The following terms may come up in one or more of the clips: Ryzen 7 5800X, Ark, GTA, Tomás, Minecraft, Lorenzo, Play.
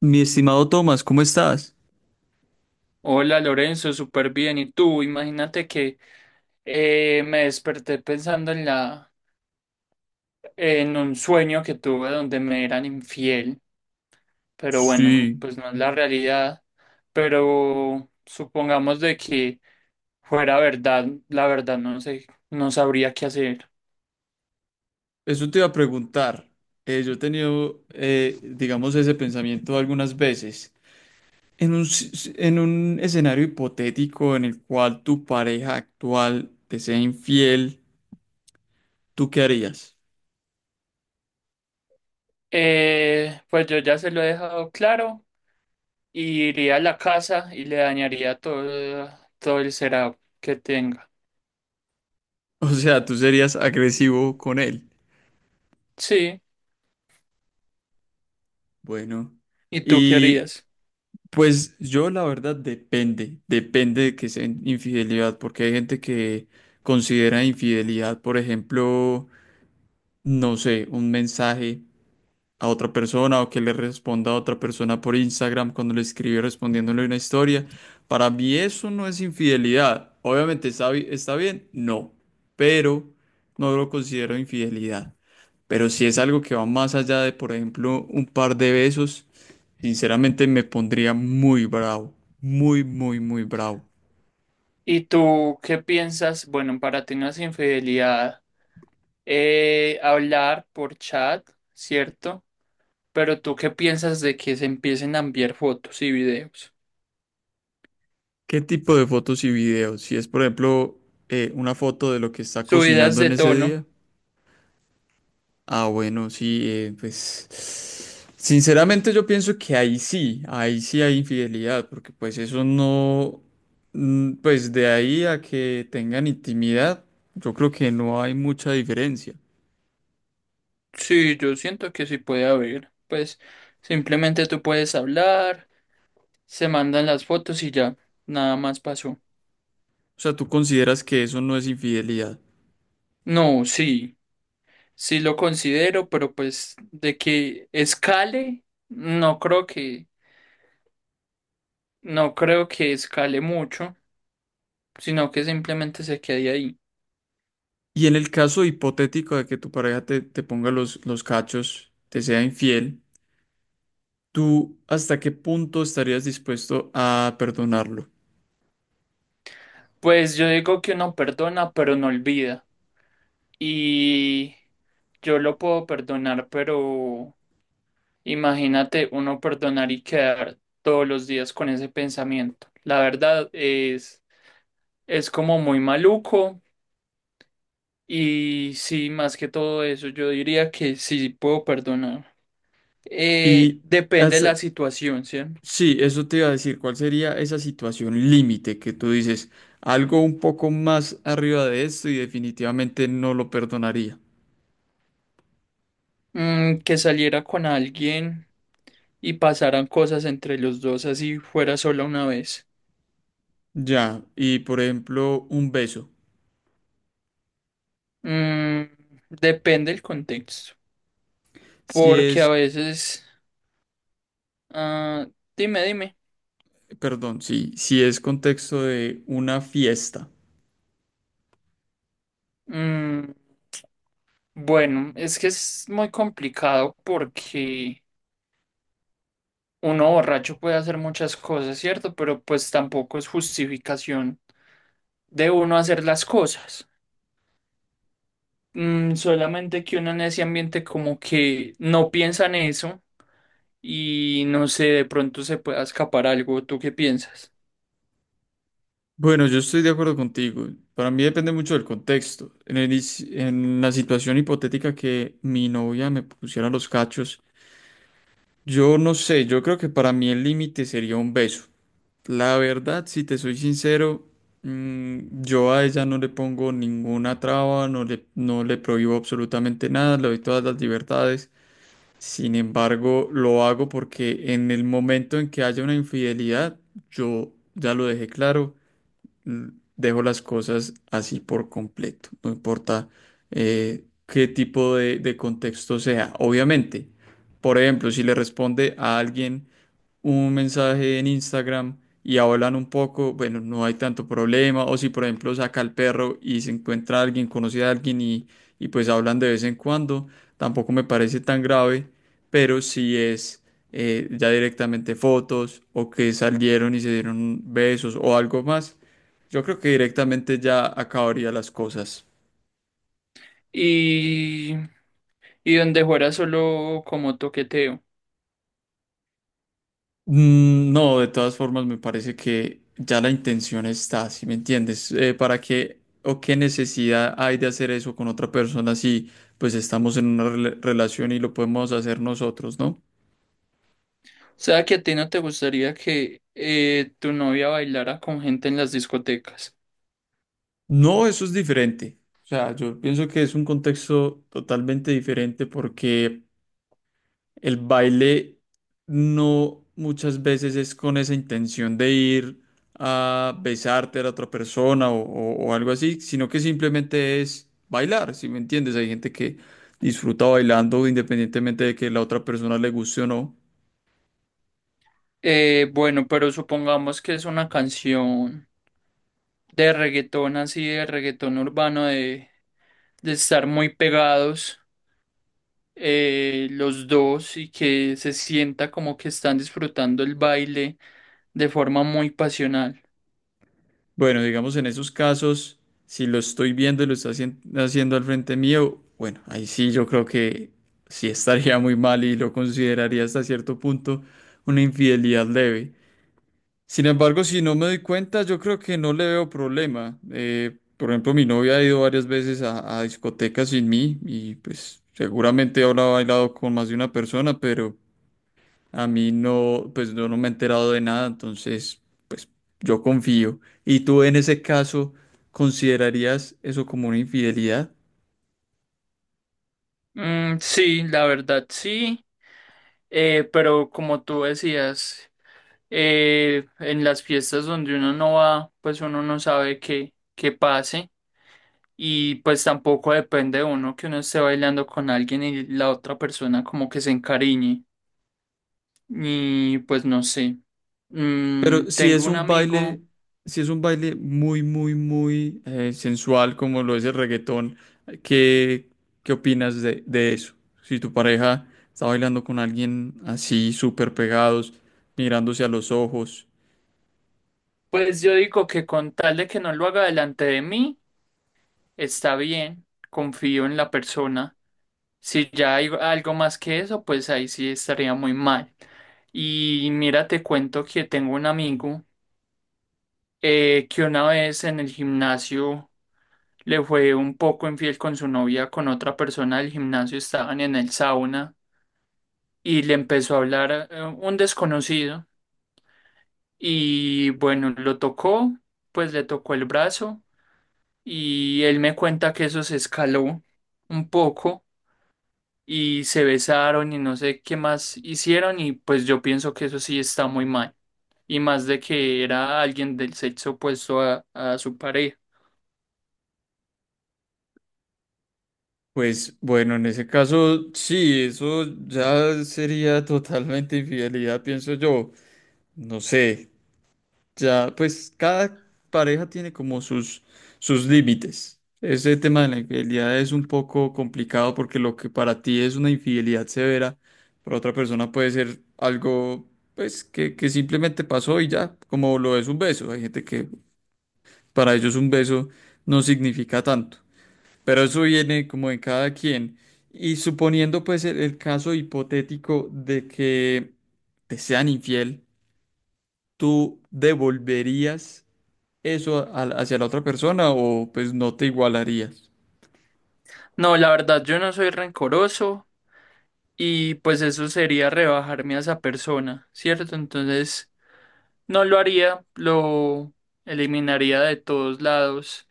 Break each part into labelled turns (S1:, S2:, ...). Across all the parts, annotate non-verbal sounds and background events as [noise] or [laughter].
S1: Mi estimado Tomás, ¿cómo estás?
S2: Hola Lorenzo, súper bien. ¿Y tú? Imagínate que me desperté pensando en en un sueño que tuve donde me eran infiel, pero bueno,
S1: Sí,
S2: pues no es la realidad. Pero supongamos de que fuera verdad, la verdad no sé, no sabría qué hacer.
S1: eso te iba a preguntar. Yo he tenido, digamos, ese pensamiento algunas veces. En un escenario hipotético en el cual tu pareja actual te sea infiel, ¿tú qué harías? [laughs]
S2: Pues yo ya se lo he dejado claro y iría a la casa y le dañaría todo, todo el setup que tenga.
S1: O sea, tú serías agresivo con él.
S2: Sí,
S1: Bueno,
S2: ¿y tú qué
S1: y
S2: harías?
S1: pues yo la verdad depende, depende de que sea infidelidad, porque hay gente que considera infidelidad, por ejemplo, no sé, un mensaje a otra persona o que le responda a otra persona por Instagram cuando le escribe respondiéndole una historia. Para mí eso no es infidelidad. Obviamente está bien, no, pero no lo considero infidelidad. Pero si es algo que va más allá de, por ejemplo, un par de besos, sinceramente me pondría muy bravo, muy, muy, muy bravo.
S2: ¿Y tú qué piensas? Bueno, para ti no es infidelidad hablar por chat, ¿cierto? Pero tú qué piensas de que se empiecen a enviar fotos y videos?
S1: ¿Qué tipo de fotos y videos? Si es, por ejemplo, una foto de lo que está
S2: Subidas
S1: cocinando
S2: de
S1: en ese
S2: tono.
S1: día. Ah, bueno, sí, pues sinceramente yo pienso que ahí sí hay infidelidad, porque pues eso no, mm, pues de ahí a que tengan intimidad, yo creo que no hay mucha diferencia.
S2: Sí, yo siento que sí puede haber. Pues simplemente tú puedes hablar, se mandan las fotos y ya, nada más pasó.
S1: O sea, tú consideras que eso no es infidelidad.
S2: No, sí, sí lo considero, pero pues de que escale, no creo que escale mucho, sino que simplemente se quede ahí.
S1: Y en el caso hipotético de que tu pareja te ponga los cachos, te sea infiel, ¿tú hasta qué punto estarías dispuesto a perdonarlo?
S2: Pues yo digo que uno perdona, pero no olvida. Y yo lo puedo perdonar, pero imagínate uno perdonar y quedar todos los días con ese pensamiento. Es como muy maluco. Y sí, más que todo eso, yo diría que sí puedo perdonar.
S1: Y
S2: Depende de
S1: hasta-
S2: la situación, ¿sí?
S1: Sí, eso te iba a decir, ¿cuál sería esa situación límite que tú dices? Algo un poco más arriba de esto y definitivamente no lo perdonaría.
S2: Mm, que saliera con alguien y pasaran cosas entre los dos, así fuera solo una vez.
S1: Ya, y por ejemplo, un beso.
S2: Mm, depende del contexto,
S1: Si
S2: porque
S1: es,
S2: a veces, ah, dime, dime.
S1: perdón, sí, si es contexto de una fiesta.
S2: Mm, bueno, es que es muy complicado porque uno borracho puede hacer muchas cosas, ¿cierto? Pero pues tampoco es justificación de uno hacer las cosas. Mm, solamente que uno en ese ambiente como que no piensa en eso y no sé, de pronto se pueda escapar algo. ¿Tú qué piensas?
S1: Bueno, yo estoy de acuerdo contigo. Para mí depende mucho del contexto. En la situación hipotética que mi novia me pusiera los cachos, yo no sé, yo creo que para mí el límite sería un beso. La verdad, si te soy sincero, mm, yo a ella no le pongo ninguna traba, no le prohíbo absolutamente nada, le doy todas las libertades. Sin embargo, lo hago porque en el momento en que haya una infidelidad, yo ya lo dejé claro, dejo las cosas así por completo, no importa qué tipo de contexto sea. Obviamente, por ejemplo, si le responde a alguien un mensaje en Instagram y hablan un poco, bueno, no hay tanto problema. O si, por ejemplo, saca al perro y se encuentra alguien, conoce a alguien y pues hablan de vez en cuando, tampoco me parece tan grave, pero si es ya directamente fotos o que salieron y se dieron besos o algo más, yo creo que directamente ya acabaría las cosas.
S2: Y, y donde fuera solo como toqueteo.
S1: Mm, no, de todas formas me parece que ya la intención está, ¿si me entiendes? ¿Para qué o qué necesidad hay de hacer eso con otra persona si pues estamos en una relación y lo podemos hacer nosotros, ¿no?
S2: O sea, que a ti no te gustaría que tu novia bailara con gente en las discotecas.
S1: No, eso es diferente. O sea, yo pienso que es un contexto totalmente diferente porque el baile no muchas veces es con esa intención de ir a besarte a la otra persona o algo así, sino que simplemente es bailar, ¿si me entiendes? Hay gente que disfruta bailando independientemente de que la otra persona le guste o no.
S2: Bueno, pero supongamos que es una canción de reggaetón así, de reggaetón urbano, de estar muy pegados los dos y que se sienta como que están disfrutando el baile, de forma muy pasional.
S1: Bueno, digamos en esos casos, si lo estoy viendo y lo está haciendo al frente mío, bueno, ahí sí yo creo que sí estaría muy mal y lo consideraría hasta cierto punto una infidelidad leve. Sin embargo, si no me doy cuenta, yo creo que no le veo problema. Por ejemplo, mi novia ha ido varias veces a discotecas sin mí y pues seguramente habrá bailado con más de una persona, pero a mí no, pues yo no me he enterado de nada, entonces yo confío. ¿Y tú en ese caso considerarías eso como una infidelidad?
S2: Mm, sí, la verdad sí, pero como tú decías, en las fiestas donde uno no va, pues uno no sabe qué, qué pase y pues tampoco depende de uno que uno esté bailando con alguien y la otra persona como que se encariñe y pues no sé. Mm,
S1: Pero si
S2: tengo
S1: es
S2: un
S1: un
S2: amigo.
S1: baile, si es un baile muy, muy, muy sensual como lo es el reggaetón, ¿qué, qué opinas de eso? Si tu pareja está bailando con alguien así, súper pegados, mirándose a los ojos,
S2: Pues yo digo que con tal de que no lo haga delante de mí, está bien, confío en la persona. Si ya hay algo más que eso, pues ahí sí estaría muy mal. Y mira, te cuento que tengo un amigo que una vez en el gimnasio le fue un poco infiel con su novia, con otra persona del gimnasio. Estaban en el sauna y le empezó a hablar un desconocido y bueno, lo tocó, pues le tocó el brazo y él me cuenta que eso se escaló un poco y se besaron y no sé qué más hicieron y pues yo pienso que eso sí está muy mal y más de que era alguien del sexo opuesto a su pareja.
S1: pues bueno, en ese caso sí, eso ya sería [laughs] totalmente infidelidad, pienso yo. No sé. Ya, pues cada pareja tiene como sus, sus límites. Ese tema de la infidelidad es un poco complicado porque lo que para ti es una infidelidad severa, para otra persona puede ser algo pues que simplemente pasó y ya, como lo es un beso. Hay gente que para ellos un beso no significa tanto, pero eso viene como de cada quien. Y suponiendo pues el caso hipotético de que te sean infiel, ¿tú devolverías eso hacia la otra persona o pues no te igualarías?
S2: No, la verdad yo no soy rencoroso y pues eso sería rebajarme a esa persona, ¿cierto? Entonces no lo haría, lo eliminaría de todos lados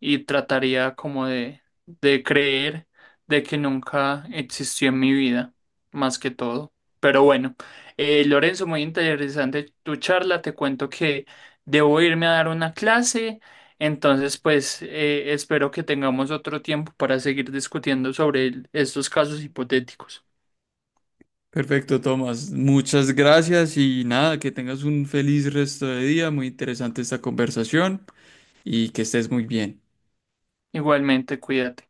S2: y trataría como de creer de que nunca existió en mi vida, más que todo. Pero bueno, Lorenzo, muy interesante tu charla. Te cuento que debo irme a dar una clase, entonces pues espero que tengamos otro tiempo para seguir discutiendo sobre estos casos hipotéticos.
S1: Perfecto, Tomás. Muchas gracias y nada, que tengas un feliz resto de día. Muy interesante esta conversación y que estés muy bien.
S2: Igualmente, cuídate.